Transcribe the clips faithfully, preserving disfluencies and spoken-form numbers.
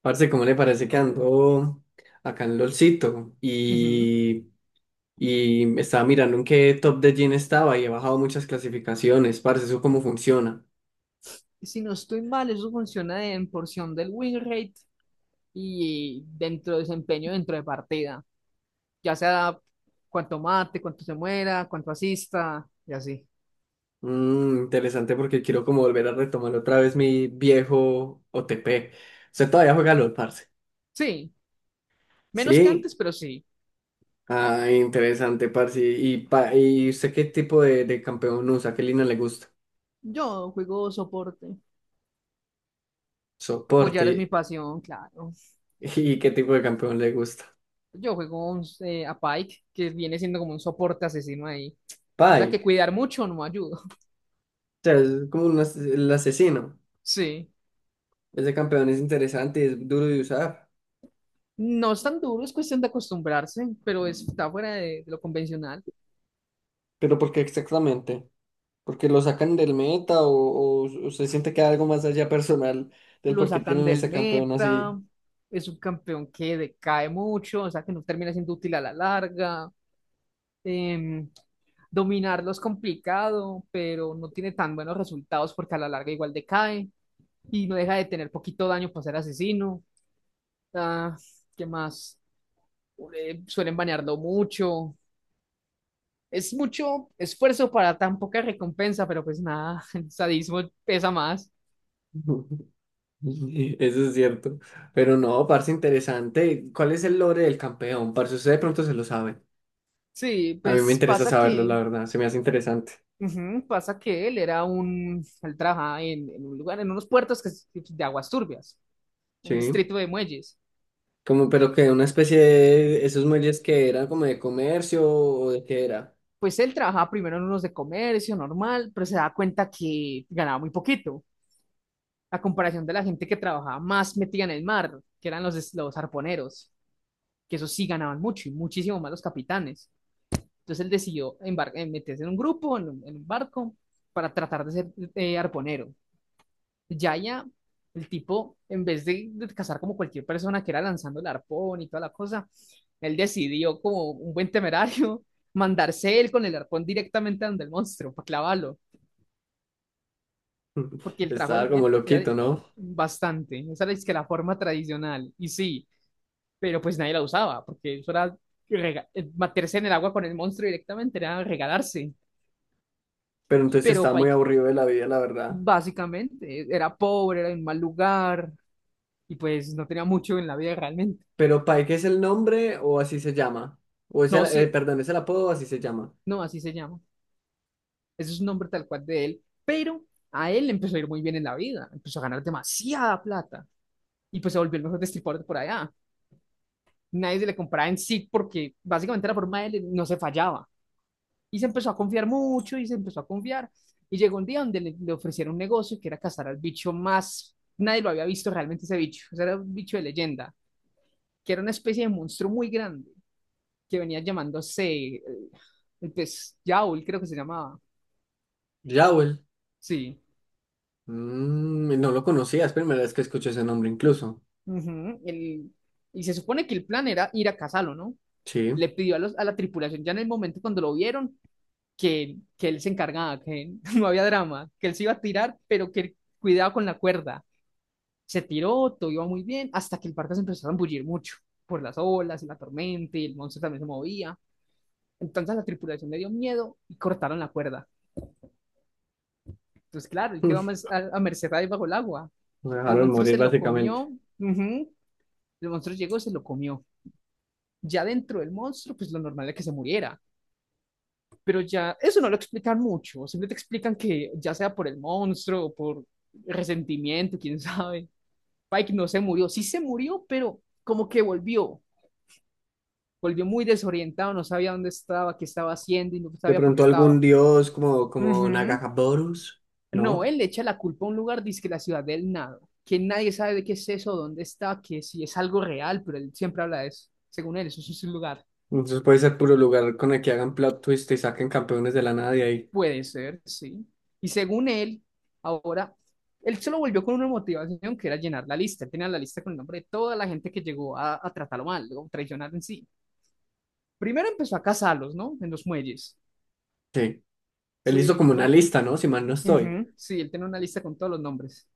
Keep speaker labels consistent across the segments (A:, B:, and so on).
A: Parce, ¿cómo le parece que ando acá en LOLcito?
B: Ujú.
A: Y, y estaba mirando en qué top de Gin estaba y he bajado muchas clasificaciones. Parce, ¿eso cómo funciona?
B: Si no estoy mal, eso funciona en porción del win rate y dentro de desempeño dentro de partida. Ya sea cuánto mate, cuánto se muera, cuánto asista y así.
A: Mm, interesante porque quiero como volver a retomar otra vez mi viejo O T P. ¿Usted todavía juega LOL, parce?
B: Sí, menos que
A: Sí.
B: antes, pero sí.
A: Ah, interesante, parce. ¿Y, pa- y usted qué tipo de, de campeón usa? ¿Qué línea le gusta?
B: Yo juego soporte. Apoyar
A: Soporte.
B: es mi pasión, claro.
A: ¿Y qué tipo de campeón le gusta?
B: Yo juego un, eh, a Pike, que viene siendo como un soporte asesino ahí. O sea que
A: Pike.
B: cuidar mucho no me ayuda.
A: O sea, es como un as- el asesino.
B: Sí.
A: Es de campeón, es interesante, es duro de usar.
B: No es tan duro, es cuestión de acostumbrarse, pero es- está fuera de de lo convencional.
A: ¿Pero por qué exactamente? ¿Porque lo sacan del meta o, o- o se siente que hay algo más allá personal del
B: Lo
A: por qué
B: sacan
A: tienen
B: del
A: ese campeón así?
B: meta, es un campeón que decae mucho, o sea que no termina siendo útil a la larga. Em, dominarlo es complicado, pero no tiene tan buenos resultados porque a la larga igual decae y no deja de tener poquito daño para ser asesino. Ah, ¿qué más? Eh, suelen banearlo mucho. Es mucho esfuerzo para tan poca recompensa, pero pues nada, el sadismo pesa más.
A: Eso es cierto. Pero no, parce, interesante. ¿Cuál es el lore del campeón? Parce, usted de pronto se lo sabe.
B: Sí.
A: A mí me
B: pues
A: interesa
B: pasa
A: saberlo, la
B: que
A: verdad. Se me hace interesante.
B: Ujú. Pasa que él era un, él trabajaba en, en un lugar, en unos puertos que, es de aguas turbias, un
A: Sí.
B: distrito de muelles.
A: Como, pero que una especie de esos muelles que eran como de comercio o de qué era.
B: Pues él trabajaba primero en unos de comercio normal, pero se da cuenta que ganaba muy poquito, a comparación de la gente que trabajaba más metida en el mar, que eran los, des- los arponeros, que esos sí ganaban mucho y muchísimo más los capitanes. Entonces él decidió embar- eh, meterse en un grupo, en un, en un barco, para tratar de ser eh, arponero. Yaya, el tipo, en vez de, de cazar como cualquier persona que era lanzando el arpón y toda la cosa, él decidió, como un buen temerario, mandarse él con el arpón directamente a donde el monstruo, para clavarlo, porque el trabajo él-
A: Estaba como
B: él era
A: loquito, ¿no?
B: bastante, esa era es que la forma tradicional, y sí, pero pues nadie la usaba, porque eso era rega- eh, meterse en el agua con el monstruo directamente, era regalarse,
A: Pero entonces
B: pero
A: está muy
B: Pike
A: aburrido de la vida, la verdad.
B: básicamente era pobre, era en mal lugar, y pues no tenía mucho en la vida realmente.
A: Pero Pike es el nombre o así se llama. O es el,
B: No,
A: eh,
B: sí.
A: perdón, es el apodo o así se llama.
B: No, así se llama. Ese es un nombre tal cual de él, pero a él le empezó a ir muy bien en la vida, empezó a ganar demasiada plata y pues se volvió el mejor destripador de por allá. Nadie se le compraba en sí porque básicamente la forma de él no se fallaba y se empezó a confiar mucho y se empezó a confiar y llegó un día donde le, le ofrecieron un negocio que era cazar al bicho más, nadie lo había visto realmente ese bicho, o sea, era un bicho de leyenda, que era una especie de monstruo muy grande que venía llamándose, eh, pues Yaul creo que se llamaba,
A: Jowell.
B: sí.
A: Mm, no lo conocía, es primera vez que escucho ese nombre incluso.
B: Ujú, el- y se supone que el plan era ir a cazarlo, ¿no?
A: Sí.
B: Le pidió a, los, a la tripulación ya en el momento cuando lo vieron que, que él se encargaba, que no había drama, que él se iba a tirar, pero que cuidado con la cuerda. Se tiró, todo iba muy bien, hasta que el barco se empezó a embullir mucho por las olas y la tormenta y el monstruo también se movía. Entonces a la tripulación le dio miedo y cortaron la cuerda. Entonces, claro, él
A: Me
B: quedó más a, a merced ahí bajo el agua. El
A: dejaron
B: monstruo
A: morir
B: se lo
A: básicamente.
B: comió, ujú. El monstruo llegó y se lo comió. Ya dentro del monstruo, pues lo normal era que se muriera. Pero ya, eso no lo explican mucho. Siempre te explican que ya sea por el monstruo o por resentimiento, quién sabe. Pike no se murió. Sí se murió, pero como que volvió. Volvió muy desorientado, no sabía dónde estaba, qué estaba haciendo y no
A: De
B: sabía por qué
A: pronto algún
B: estaba.
A: dios como, como
B: Ujú.
A: Nagaboros,
B: No,
A: ¿no?
B: él le echa la culpa a un lugar, dice que la ciudad del nada, que nadie sabe de qué es eso, dónde está, que si es algo real, pero él siempre habla de eso. Según él, eso sí es un lugar.
A: Entonces puede ser puro lugar con el que hagan plot twist y saquen campeones de la nada de ahí.
B: Puede ser, sí. Y según él, ahora, él se lo volvió con una motivación que era llenar la lista. Él tenía la lista con el nombre de toda la gente que llegó a, a tratarlo mal, o traicionarlo en sí. Primero empezó a cazarlos, ¿no? En los muelles.
A: Sí. Él
B: Sí,
A: hizo
B: el
A: como una
B: tipo,
A: lista, ¿no? Si mal no estoy.
B: ujú, sí, él tenía una lista con todos los nombres.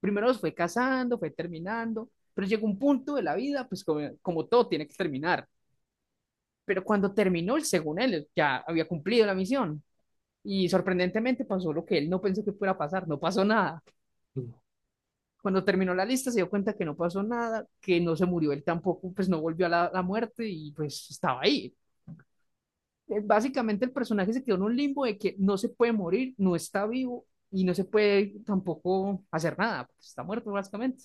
B: Primero los fue cazando, fue terminando, pero llegó un punto de la vida, pues como, como todo tiene que terminar. Pero cuando terminó, él, según él, ya había cumplido la misión. Y sorprendentemente pasó lo que él no pensó que fuera a pasar, no pasó nada. Cuando terminó la lista se dio cuenta que no pasó nada, que no se murió él tampoco, pues no volvió a la, la muerte y pues estaba ahí. Eh, Básicamente el personaje se quedó en un limbo de que no se puede morir, no está vivo y no se puede tampoco hacer nada, pues está muerto básicamente.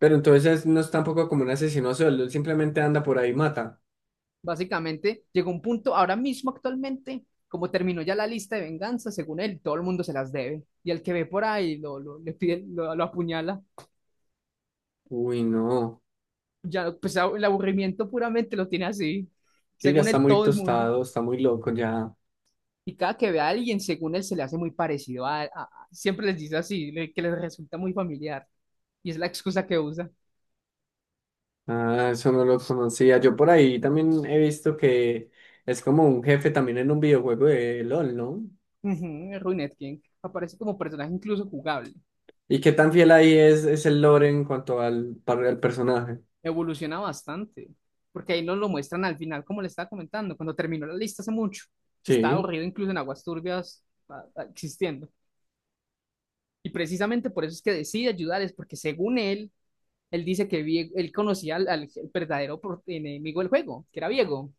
A: Pero entonces no es tampoco como un asesino sueldo, él simplemente anda por ahí y mata.
B: Básicamente llegó un punto, ahora mismo actualmente, como terminó ya la lista de venganza, según él, todo el mundo se las debe. Y el que ve por ahí lo, lo- le pide, lo, lo apuñala.
A: Uy, no.
B: Ya, pues el aburrimiento puramente lo tiene así,
A: Sí, ya
B: según
A: está
B: él,
A: muy
B: todo el mundo.
A: tostado, está muy loco ya.
B: Y cada que ve a alguien, según él, se le hace muy parecido a, a- a- siempre les dice así, le- que les resulta muy familiar. Y es la excusa que usa.
A: Ah, eso no lo conocía. Yo por ahí también he visto que es como un jefe también en un videojuego de LOL, ¿no?
B: Ujú. Ruined King aparece como personaje incluso jugable.
A: ¿Y qué tan fiel ahí es, es el lore en cuanto al, par- al personaje?
B: Evoluciona bastante. Porque ahí nos lo muestran al final, como le estaba comentando, cuando terminó la lista hace mucho, que estaba
A: Sí,
B: aburrido incluso en aguas turbias a- a- existiendo. Y precisamente por eso es que decide ayudarles, porque según él, él dice que Vie- él conocía al, al verdadero pro- enemigo del juego, que era Viego.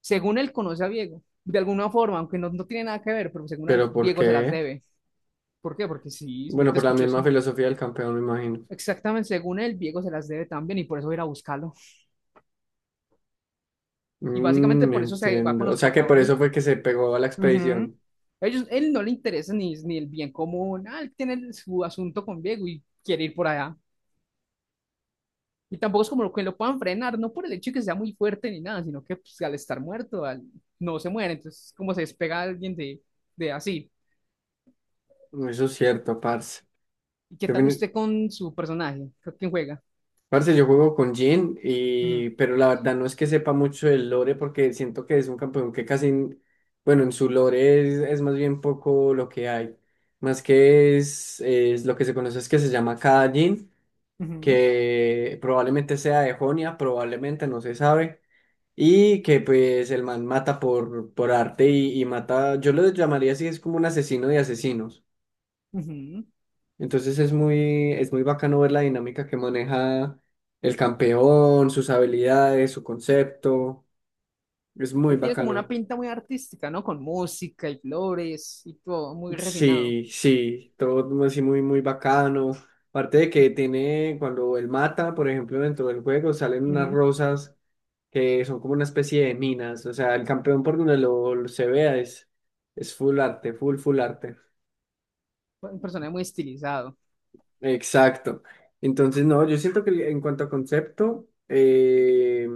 B: Según él, conoce a Diego, de alguna forma, aunque no, no tiene nada que ver, pero según él,
A: pero ¿por
B: Diego se las
A: qué?
B: debe. ¿Por qué? Porque sí, me
A: Bueno,
B: te
A: por la
B: escuchó
A: misma
B: así.
A: filosofía del campeón, me imagino.
B: Exactamente, según él, Diego se las debe también y por eso va a ir a buscarlo. Y básicamente
A: Mm,
B: por eso se va con
A: entiendo. O
B: los
A: sea que por eso
B: protagonistas.
A: fue que se pegó a la
B: Ujú.
A: expedición.
B: Ellos, él no le interesa ni, ni el bien común, ah, él tiene su asunto con Diego y quiere ir por allá. Y tampoco es como lo que lo puedan frenar, no por el hecho de que sea muy fuerte ni nada, sino que pues, al estar muerto, al- no se muere, entonces como se despega alguien de, de así.
A: Eso es cierto, parce.
B: ¿Y qué tal usted con su personaje? ¿Con quién juega?
A: Parce, yo juego con Jhin,
B: Ujú,
A: y, pero la verdad no es que sepa mucho del lore porque siento que es un campeón que casi, n- bueno, en su lore es, es más bien poco lo que hay. Más que es, es lo que se conoce es que se llama Cada Jhin,
B: ujú,
A: que probablemente sea de Jonia, probablemente no se sabe, y que pues el man mata por, por arte y, y mata, yo lo llamaría así, es como un asesino de asesinos.
B: ujú.
A: Entonces es muy, es muy bacano ver la dinámica que maneja el campeón, sus habilidades, su concepto. Es muy
B: Él tiene como una
A: bacano.
B: pinta muy artística, ¿no? Con música y flores y todo, muy refinado.
A: Sí, sí, todo así muy, muy bacano. Aparte de que tiene, cuando él mata, por ejemplo, dentro del juego salen unas
B: Ujú.
A: rosas que son como una especie de minas. O sea, el campeón por donde lo, lo se vea es, es full arte, full, full arte.
B: Un personaje muy estilizado.
A: Exacto. Entonces, no, yo siento que en cuanto a concepto, eh,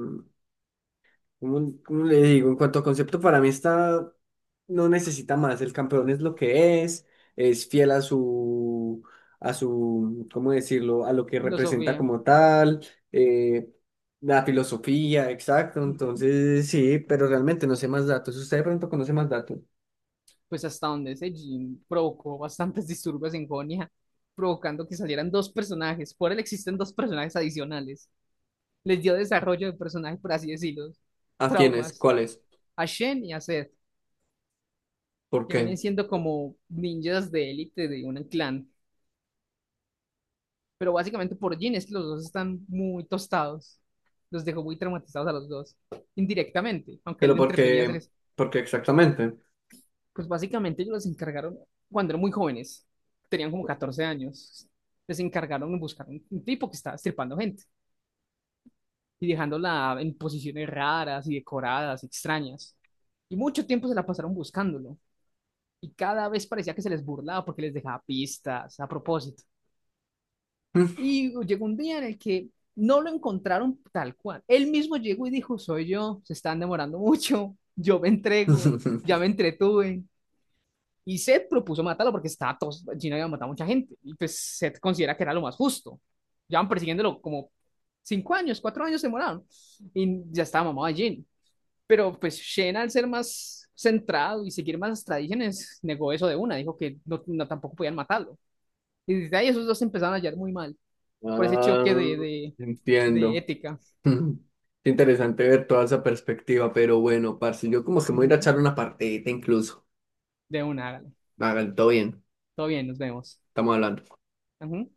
A: ¿Cómo, cómo le digo? En cuanto a concepto, para mí está, no necesita más. El campeón es lo que es, es fiel a su, a su, ¿cómo decirlo? A lo que representa
B: Filosofía,
A: como tal, eh, la filosofía, exacto.
B: ujú.
A: Entonces, sí, pero realmente no sé más datos. Si ¿usted de pronto conoce más datos?
B: Pues hasta donde ese Jin provocó bastantes disturbios en Jonia, provocando que salieran dos personajes. Por él existen dos personajes adicionales. Les dio desarrollo de personaje, por así decirlo.
A: ¿A quiénes?
B: Traumas.
A: ¿Cuáles?
B: A Shen y a Zed.
A: ¿Por
B: Que vienen
A: qué?
B: siendo como ninjas de élite de un clan. Pero básicamente por Jin es que los dos están muy tostados. Los dejó muy traumatizados a los dos, indirectamente, aunque él
A: Pero
B: le
A: por
B: entretenía hacer
A: qué,
B: eso.
A: por qué exactamente.
B: Pues básicamente ellos los encargaron cuando eran muy jóvenes, tenían como catorce años. Les encargaron de buscar un, un tipo que estaba estripando gente y dejándola en posiciones raras y decoradas, extrañas. Y mucho tiempo se la pasaron buscándolo. Y cada vez parecía que se les burlaba porque les dejaba pistas a propósito. Y llegó un día en el que no lo encontraron tal cual. Él mismo llegó y dijo: soy yo, se están demorando mucho, yo me entrego, ya me entretuve. Y Seth propuso matarlo porque estaba todo, Gino había matado a mucha gente. Y pues Seth considera que era lo más justo. Llevan persiguiéndolo como cinco años, cuatro años demoraron. Y ya estaba mamado de Gino. Pero pues Shen, al ser más centrado y seguir más las tradiciones, negó eso de una. Dijo que no, no tampoco podían matarlo. Y desde ahí esos dos empezaron a hallar muy mal por ese
A: Ah,
B: choque de, de, de
A: entiendo.
B: ética.
A: Ujú. Qué interesante ver toda esa perspectiva, pero bueno, parce, yo como que me voy a ir a
B: Ujú.
A: echar una partidita incluso.
B: De una, hágale.
A: Hágale, todo bien,
B: Todo bien, nos vemos.
A: estamos hablando.
B: Ujú.